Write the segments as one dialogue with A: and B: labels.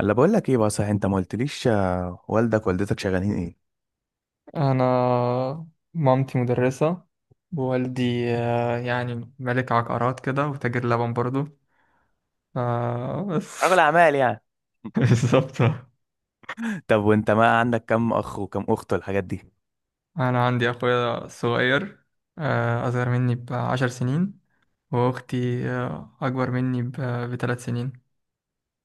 A: الا بقول لك ايه بقى صحيح؟ انت ما قلتليش، والدك والدتك شغالين ايه؟
B: أنا مامتي مدرسة. ووالدي يعني ملك عقارات كده وتاجر لبن برضو.
A: رجل
B: بس.
A: اعمال يعني.
B: بالظبط.
A: طب وانت ما عندك كم اخ وكم اخت والحاجات دي؟
B: أنا عندي أخويا صغير، أصغر مني ب10 سنين. وأختي أكبر مني ب3 سنين.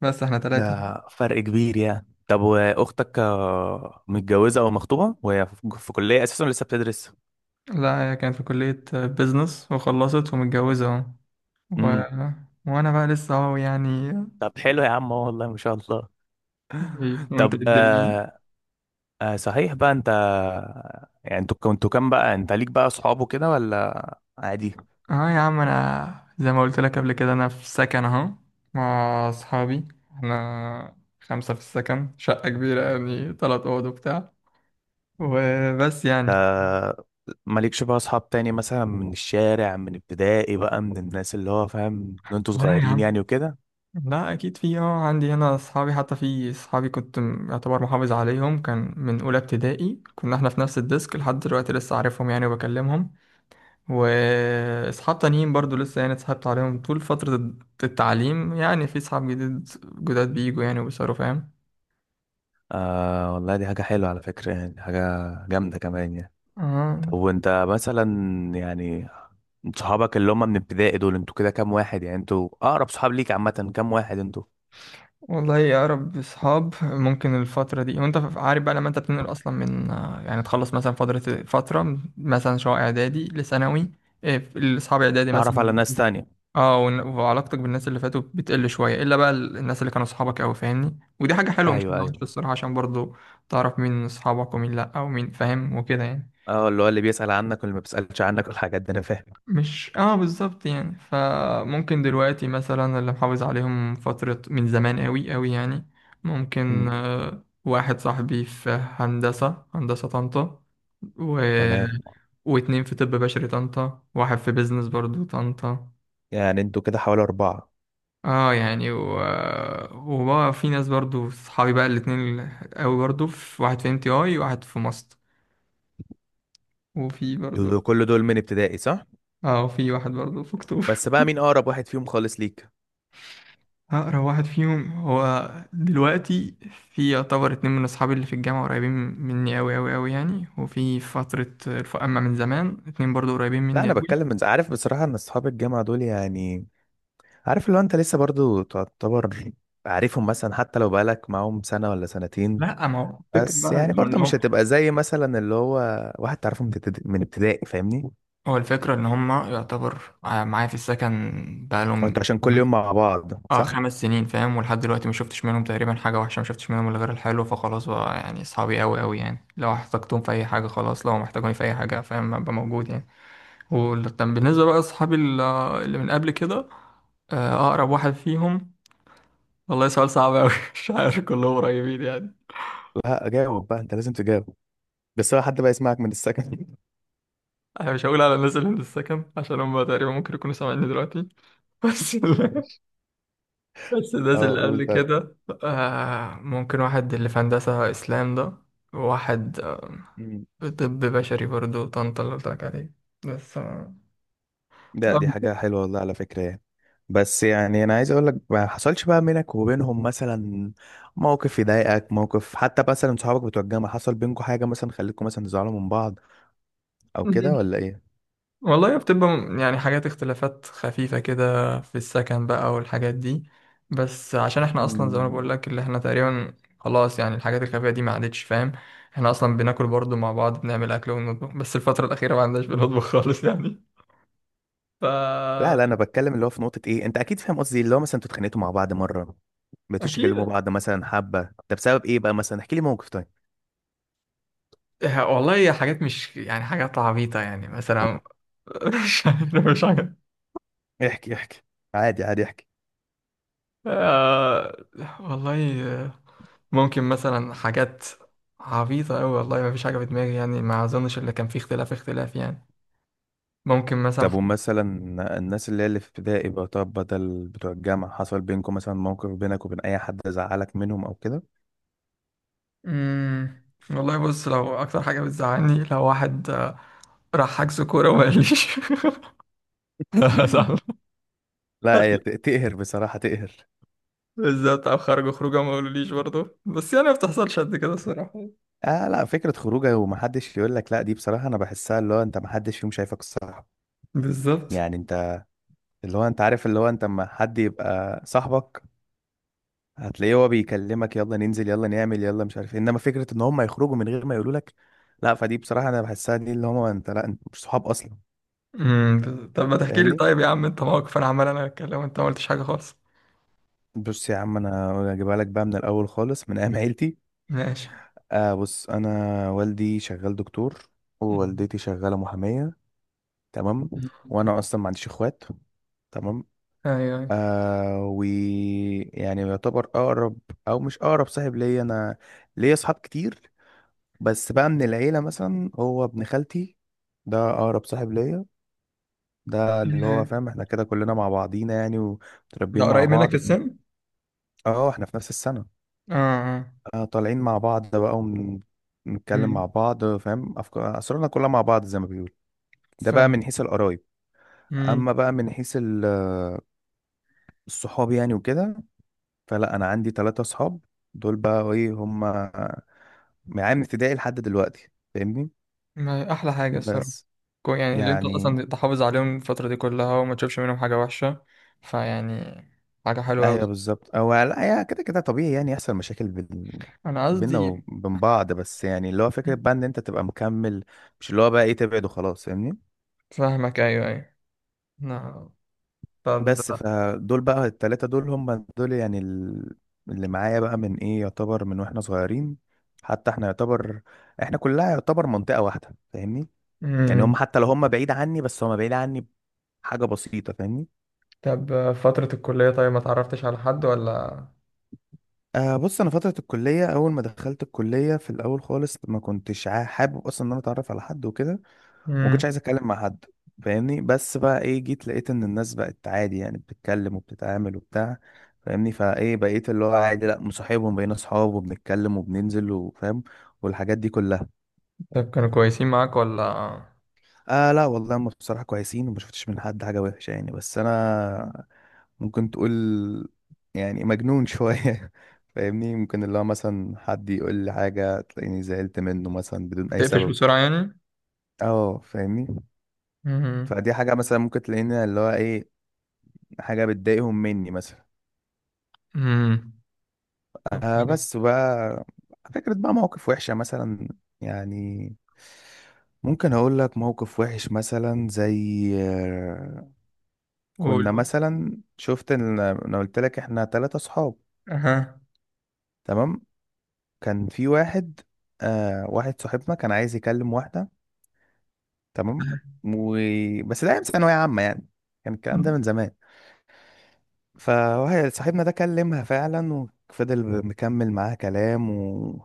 B: بس احنا ثلاثة.
A: ده فرق كبير يعني. طب واختك متجوزه او مخطوبه؟ وهي في كليه اساسا لسه بتدرس.
B: لا، هي كانت في كلية بيزنس وخلصت ومتجوزة أهو. و...
A: امم.
B: وأنا بقى لسه أهو يعني.
A: طب حلو يا عم أهو، والله ما شاء الله.
B: وأنت في
A: طب.
B: الدنيا.
A: صحيح بقى. انت يعني انتوا كنتوا كام؟ بقى انت ليك بقى اصحاب وكده ولا عادي؟
B: اه يا عم، انا زي ما قلت لك قبل كده انا في سكن اهو مع اصحابي. احنا خمسة في السكن، شقة كبيرة يعني تلات اوض وبتاع. وبس يعني.
A: آه، مالكش بقى اصحاب تاني مثلا، من الشارع من ابتدائي بقى، من الناس اللي هو فاهم ان انتوا
B: لا يا
A: صغيرين
B: عم.
A: يعني وكده؟
B: لا اكيد في. اه عندي هنا اصحابي، حتى في اصحابي كنت يعتبر محافظ عليهم، كان من اولى ابتدائي كنا احنا في نفس الديسك، لحد دلوقتي لسه عارفهم يعني وبكلمهم. واصحاب تانيين برضو لسه يعني اتصاحبت عليهم طول فترة التعليم، يعني في اصحاب جداد بيجوا يعني وبيصيروا فاهم.
A: آه والله، دي حاجة حلوة على فكرة يعني، حاجة جامدة كمان يعني. طب
B: اه
A: وانت مثلا يعني، صحابك اللي هم من ابتدائي دول انتوا كده كام واحد؟ يعني انتوا اقرب صحاب ليك عامة كام واحد انتوا؟
B: والله يا رب، اصحاب ممكن الفترة دي، وانت عارف بقى لما انت بتنقل اصلا من يعني تخلص مثلا فترة مثلا شقة اعدادي لثانوي. الاصحاب اعدادي
A: تعرف على
B: مثلا.
A: ناس تانية.
B: اه وعلاقتك بالناس اللي فاتوا بتقل شوية. الا بقى الناس اللي كانوا اصحابك قوي فاهمني، ودي حاجة حلوة مش
A: ايوه،
B: حاجة وحشة
A: ايوه.
B: الصراحة، عشان برضو تعرف مين اصحابك ومين لا ومين فاهم وكده يعني.
A: اه، اللي هو اللي بيسأل عنك واللي ما بيسألش عنك والحاجات دي، انا فاهم.
B: مش بالظبط يعني. فممكن دلوقتي مثلا اللي محافظ عليهم فترة من زمان قوي قوي يعني، ممكن
A: أمم.
B: واحد صاحبي في هندسة طنطا، و...
A: تمام.
B: واتنين في طب بشري طنطا، واحد في بيزنس برضو طنطا.
A: يعني انتوا كده حوالي 4.
B: اه يعني وبقى في ناس برضو صحابي بقى الاتنين قوي برضو. في واحد في ام تي اي، وواحد في ماست، وفي برضو.
A: دول كل دول من ابتدائي، صح؟
B: اه، وفي واحد برضو في اكتوبر.
A: بس بقى مين اقرب واحد فيهم خالص ليك؟
B: أقرب واحد فيهم هو دلوقتي، في يعتبر اتنين من أصحابي اللي في الجامعة قريبين مني أوي أوي أوي يعني، وفي فترة أما من زمان اتنين برضو قريبين
A: لا
B: مني
A: انا
B: أوي.
A: بتكلم، من عارف بصراحه ان اصحاب الجامعه دول يعني، عارف لو انت لسه برضو تعتبر عارفهم مثلا، حتى لو بقالك معاهم سنه ولا سنتين.
B: لا، ما هو الفكرة
A: بس
B: بقى
A: يعني برضو
B: إن
A: مش
B: هم.
A: هتبقى زي مثلا اللي هو واحد تعرفه من ابتدائي من ابتدائي، فاهمني.
B: هو الفكرة إن هم يعتبر معايا في السكن
A: وانت
B: بقالهم
A: عشان كل يوم مع بعض،
B: اه
A: صح؟
B: 5 سنين فاهم، ولحد دلوقتي ما شفتش منهم تقريبا حاجة وحشة، ما شفتش منهم إلا غير الحلو، فخلاص بقى يعني أصحابي أوي أوي يعني، لو احتجتهم في أي حاجة خلاص، لو محتاجوني في أي حاجة فاهم أبقى موجود يعني. وكان بالنسبة بقى أصحابي اللي من قبل كده، أقرب واحد فيهم والله سؤال صعب أوي مش عارف، كلهم قريبين يعني.
A: لا، جاوب بقى، انت لازم تجاوب. بس هو حد بقى يسمعك من السكن؟
B: أنا مش هقول على الناس اللي من السكن عشان هم تقريبا ممكن يكونوا سامعيني دلوقتي. بس ال-
A: ماشي.
B: بس الناس
A: اه،
B: اللي قبل
A: قول.
B: كده، ممكن واحد اللي في هندسة، إسلام ده. وواحد
A: طيب.
B: في طب بشري برضو طنطا اللي قلت لك عليه. بس
A: لا دي حاجة حلوة والله على فكرة يعني. بس يعني أنا عايز أقول لك، ما حصلش بقى بينك وبينهم مثلا موقف يضايقك، موقف حتى مثلا صحابك بتوع الجامعة حصل بينكم حاجة مثلا خلتكم مثلا تزعلوا من بعض أو كده، ولا إيه؟
B: والله بتبقى يعني حاجات، اختلافات خفيفة كده في السكن بقى والحاجات دي، بس عشان احنا اصلا زي ما أنا
A: مم.
B: بقول لك اللي احنا تقريبا خلاص يعني، الحاجات الخفيفة دي ما عادتش فاهم. احنا اصلا بناكل برضو مع بعض، بنعمل اكل ونطبخ، بس الفترة الأخيرة ما عندناش بنطبخ خالص يعني.
A: لا،
B: فا
A: لا، أنا بتكلم اللي هو في نقطة إيه، أنت أكيد فاهم قصدي، اللي هو مثلا انتوا اتخانقتوا مع بعض مرة؟ بتيجوا تكلموا
B: أكيد.
A: بعض مثلا حبة؟ ده بسبب إيه بقى مثلا؟ احكي لي موقف طيب.
B: والله هي حاجات مش يعني حاجات عبيطة يعني، مثلا مش عارف، مش حاجة.
A: احكي، احكي. عادي، عادي، احكي.
B: آه، والله ممكن مثلا حاجات عبيطة أوي والله، ما فيش حاجة في دماغي يعني، ما أظنش اللي كان فيه اختلاف يعني، ممكن مثلا.
A: طب ومثلا الناس اللي هي اللي في ابتدائي بقى، طب بدل بتوع الجامعة، حصل بينكم مثلا موقف بينك وبين أي حد زعلك منهم أو كده؟
B: مم. والله بص لو أكتر حاجة بتزعلني لو واحد آه، راح حجز كورة وما قاليش صح
A: لا هي تقهر بصراحة، تقهر.
B: بالظبط أو خرجوا خروجة ما قالوليش برضه بس يعني ما بتحصلش قد كده الصراحة
A: آه لا، فكرة خروجه ومحدش يقول لك، لا دي بصراحة أنا بحسها اللي هو أنت محدش فيهم شايفك صاحب.
B: بالظبط
A: يعني أنت اللي هو أنت عارف، اللي هو أنت أما حد يبقى صاحبك، هتلاقيه هو بيكلمك، يلا ننزل، يلا نعمل، يلا مش عارف إيه. إنما فكرة إن هم يخرجوا من غير ما يقولوا لك، لا فدي بصراحة أنا بحسها دي اللي هم أنت، لا أنت مش صحاب أصلا،
B: مم. طب ما تحكي لي
A: فاهمني؟
B: طيب يا عم؟ أنت موقف أنا عمال أنا أتكلم وأنت ما قلتش حاجة خالص.
A: بص يا عم، انا هجيبها لك بقى من الاول خالص، من ايام عيلتي.
B: ماشي.
A: بص انا والدي شغال دكتور.
B: مم.
A: ووالدتي شغاله محاميه. تمام. وانا اصلا ما عنديش اخوات. تمام.
B: أيوه
A: و يعني يعتبر اقرب، او مش اقرب صاحب ليا انا. ليا اصحاب كتير. بس بقى من العيله مثلا، هو ابن خالتي. ده اقرب صاحب ليا. ده اللي هو
B: أيوه.
A: فاهم احنا كده كلنا مع بعضينا يعني،
B: ده
A: ومتربيين مع
B: قريب منك
A: بعض.
B: في السن؟
A: اه، احنا في نفس السنه.
B: آه آه.
A: طالعين مع بعض بقى. ونتكلم مع
B: امم.
A: بعض، فاهم، أفكار أسرارنا كلها مع بعض زي ما بيقول. ده بقى
B: فاهم.
A: من حيث القرايب.
B: امم.
A: أما بقى من حيث الصحاب يعني وكده. فلا أنا عندي 3 صحاب. دول بقى إيه هم معايا من ابتدائي لحد دلوقتي، فاهمني؟
B: احلى حاجه الصراحه.
A: بس
B: يعني اللي انت
A: يعني.
B: اصلا تحافظ عليهم الفتره دي كلها وما تشوفش منهم حاجه وحشه، فيعني حاجه حلوه
A: أيوه
B: قوي.
A: بالظبط، أو لا يعني كده كده طبيعي يعني، يحصل مشاكل بين
B: انا
A: بينا
B: قصدي.
A: وبين بعض، بس يعني اللي هو فكرة بقى إن أنت تبقى مكمل. مش اللي هو بقى إيه، تبعد وخلاص، فاهمني؟
B: فاهمك، ايوه ايوه. نعم. طب.
A: بس فدول بقى التلاتة دول هم دول يعني اللي معايا بقى من ايه، يعتبر من واحنا صغيرين. حتى احنا يعتبر، احنا كلها يعتبر منطقة واحدة، فاهمني. يعني هم
B: امم.
A: حتى لو هم بعيد عني، بس هم بعيد عني بحاجة بسيطة، فاهمني.
B: طب فتره الكليه، طيب ما تعرفتش على حد ولا؟
A: بص انا فترة الكلية، اول ما دخلت الكلية في الاول خالص، ما كنتش حابب اصلا ان انا اتعرف على حد وكده. ما كنتش
B: امم.
A: عايز اتكلم مع حد، فاهمني. بس بقى ايه، جيت لقيت ان الناس بقت عادي يعني، بتتكلم وبتتعامل وبتاع، فاهمني. فايه بقيت اللي هو عادي لا مصاحبهم، بقينا اصحاب وبنتكلم وبننزل وفاهم، والحاجات دي كلها.
B: طب كانوا كويسين معاك ولا؟
A: اه لا والله، هم بصراحة كويسين وما شفتش من حد حاجة وحشة يعني، بس انا ممكن تقول يعني مجنون شوية. فاهمني، ممكن اللي هو مثلا حد يقول لي حاجة تلاقيني زعلت منه مثلا بدون اي
B: تقفش
A: سبب.
B: بسرعه يعني.
A: اه، فاهمني.
B: امم.
A: فدي حاجة مثلا ممكن تلاقيني اللي هو ايه، حاجة بتضايقهم مني مثلا.
B: امم.
A: بس بقى فكرة بقى مواقف وحشة مثلا يعني. ممكن أقول لك موقف وحش مثلا زي.
B: قول
A: كنا
B: قول.
A: مثلا، شفت إن أنا قلت لك إحنا 3 صحاب.
B: اها.
A: تمام. كان في واحد. واحد صاحبنا كان عايز يكلم واحدة. تمام. و. بس ده أيام ثانوية عامة يعني، كان الكلام ده من زمان. فواحد صاحبنا ده كلمها فعلا، وفضل مكمل معاها كلام و.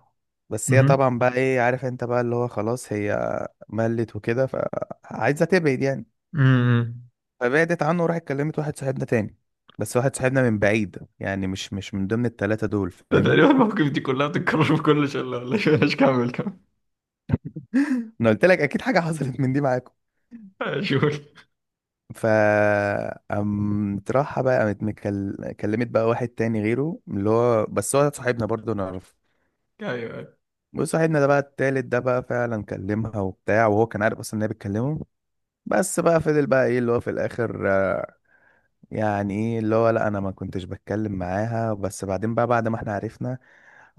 A: بس هي
B: امم.
A: طبعا بقى ايه، عارف انت بقى اللي هو خلاص هي ملت وكده، فعايزة تبعد يعني.
B: امم.
A: فبعدت عنه وراحت كلمت واحد صاحبنا تاني. بس واحد صاحبنا من بعيد يعني، مش من ضمن التلاتة دول،
B: ده
A: فاهمني.
B: تقريبا المواقف دي كلها بتتكرر في كل شلة، ولا شو؟ مش كمل كمل.
A: انا قلت لك اكيد حاجة حصلت من دي معاكم.
B: شوف.
A: ف. قامت راحة بقى، قامت كلمت بقى واحد تاني غيره، اللي هو بس هو صاحبنا برضه نعرفه.
B: ايوه.
A: بص صاحبنا ده بقى التالت ده بقى فعلا كلمها وبتاع، وهو كان عارف اصلا ان هي بتكلمه. بس بقى فضل بقى ايه اللي هو في الاخر. يعني ايه اللي هو، لا انا ما كنتش بتكلم معاها، بس بعدين بقى بعد ما احنا عرفنا،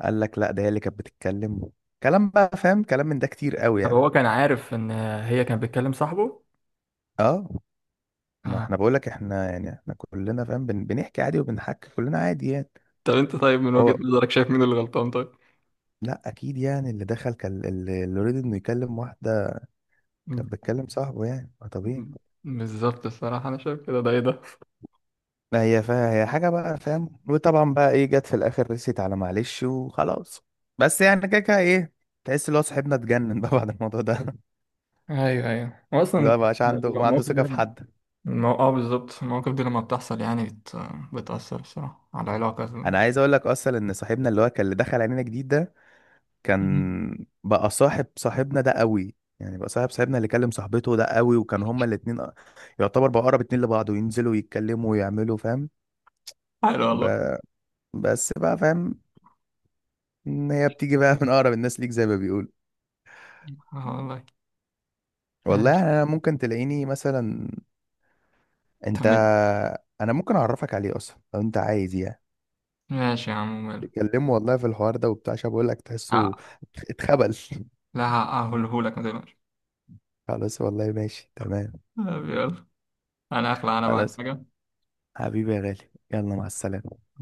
A: قال لك لا ده هي اللي كانت بتتكلم. كلام بقى فاهم، كلام من ده كتير قوي
B: طب
A: يعني.
B: هو كان عارف ان هي كانت بتكلم صاحبه؟
A: اه، ما
B: آه.
A: احنا بقول لك احنا يعني، احنا كلنا فاهم، بنحكي عادي، وبنحكي كلنا عادي يعني.
B: طب انت طيب، من وجهة
A: هو
B: نظرك شايف مين اللي غلطان طيب؟
A: لا، اكيد يعني اللي دخل كان اللي يريد انه يكلم واحده.
B: م-
A: كانت بتكلم صاحبه يعني، ما طبيعي.
B: م- بالظبط الصراحة انا شايف كده. ده ايه ده؟
A: ما هي هي حاجة بقى، فاهم، وطبعا بقى ايه، جت في الاخر رسيت على معلش وخلاص. بس يعني كده كده ايه، تحس اللي هو صاحبنا اتجنن بقى بعد الموضوع ده.
B: ايوه ايوه. هو اصلا
A: لا، مبقاش عنده، ما عنده
B: المواقف دي
A: ثقة في
B: لما،
A: حد.
B: اه بالظبط المواقف دي لما بتحصل يعني بتأثر الصراحة على العلاقة.
A: انا عايز اقول لك اصلا ان صاحبنا اللي هو كان اللي دخل علينا جديد ده،
B: مم.
A: كان بقى صاحب صاحبنا ده قوي، يعني بقى صاحب صاحبنا اللي كلم صاحبته ده قوي، وكان هما الاتنين. يعتبر بقى اقرب اتنين لبعض، وينزلوا يتكلموا ويعملوا، فاهم.
B: حلو
A: ب...
B: والله.
A: بس بقى فاهم إن هي بتيجي بقى من اقرب الناس ليك زي ما بيقولوا.
B: اه والله
A: والله
B: ماشي.
A: يعني، انا ممكن تلاقيني مثلا،
B: طب.
A: انت، انا ممكن اعرفك عليه اصلا لو انت عايز يعني،
B: ماشي يا عم ماله.
A: تتكلموا والله في الحوار ده وبتاع، عشان بقول لك تحسه
B: ها-
A: اتخبل.
B: لا، هقولهولك ما تقلقش.
A: خلاص والله، ماشي تمام.
B: طب يلا، انا اخلع، انا بعد
A: خلاص،
B: حاجة.
A: حبيبي يا غالي، يلا مع السلامة.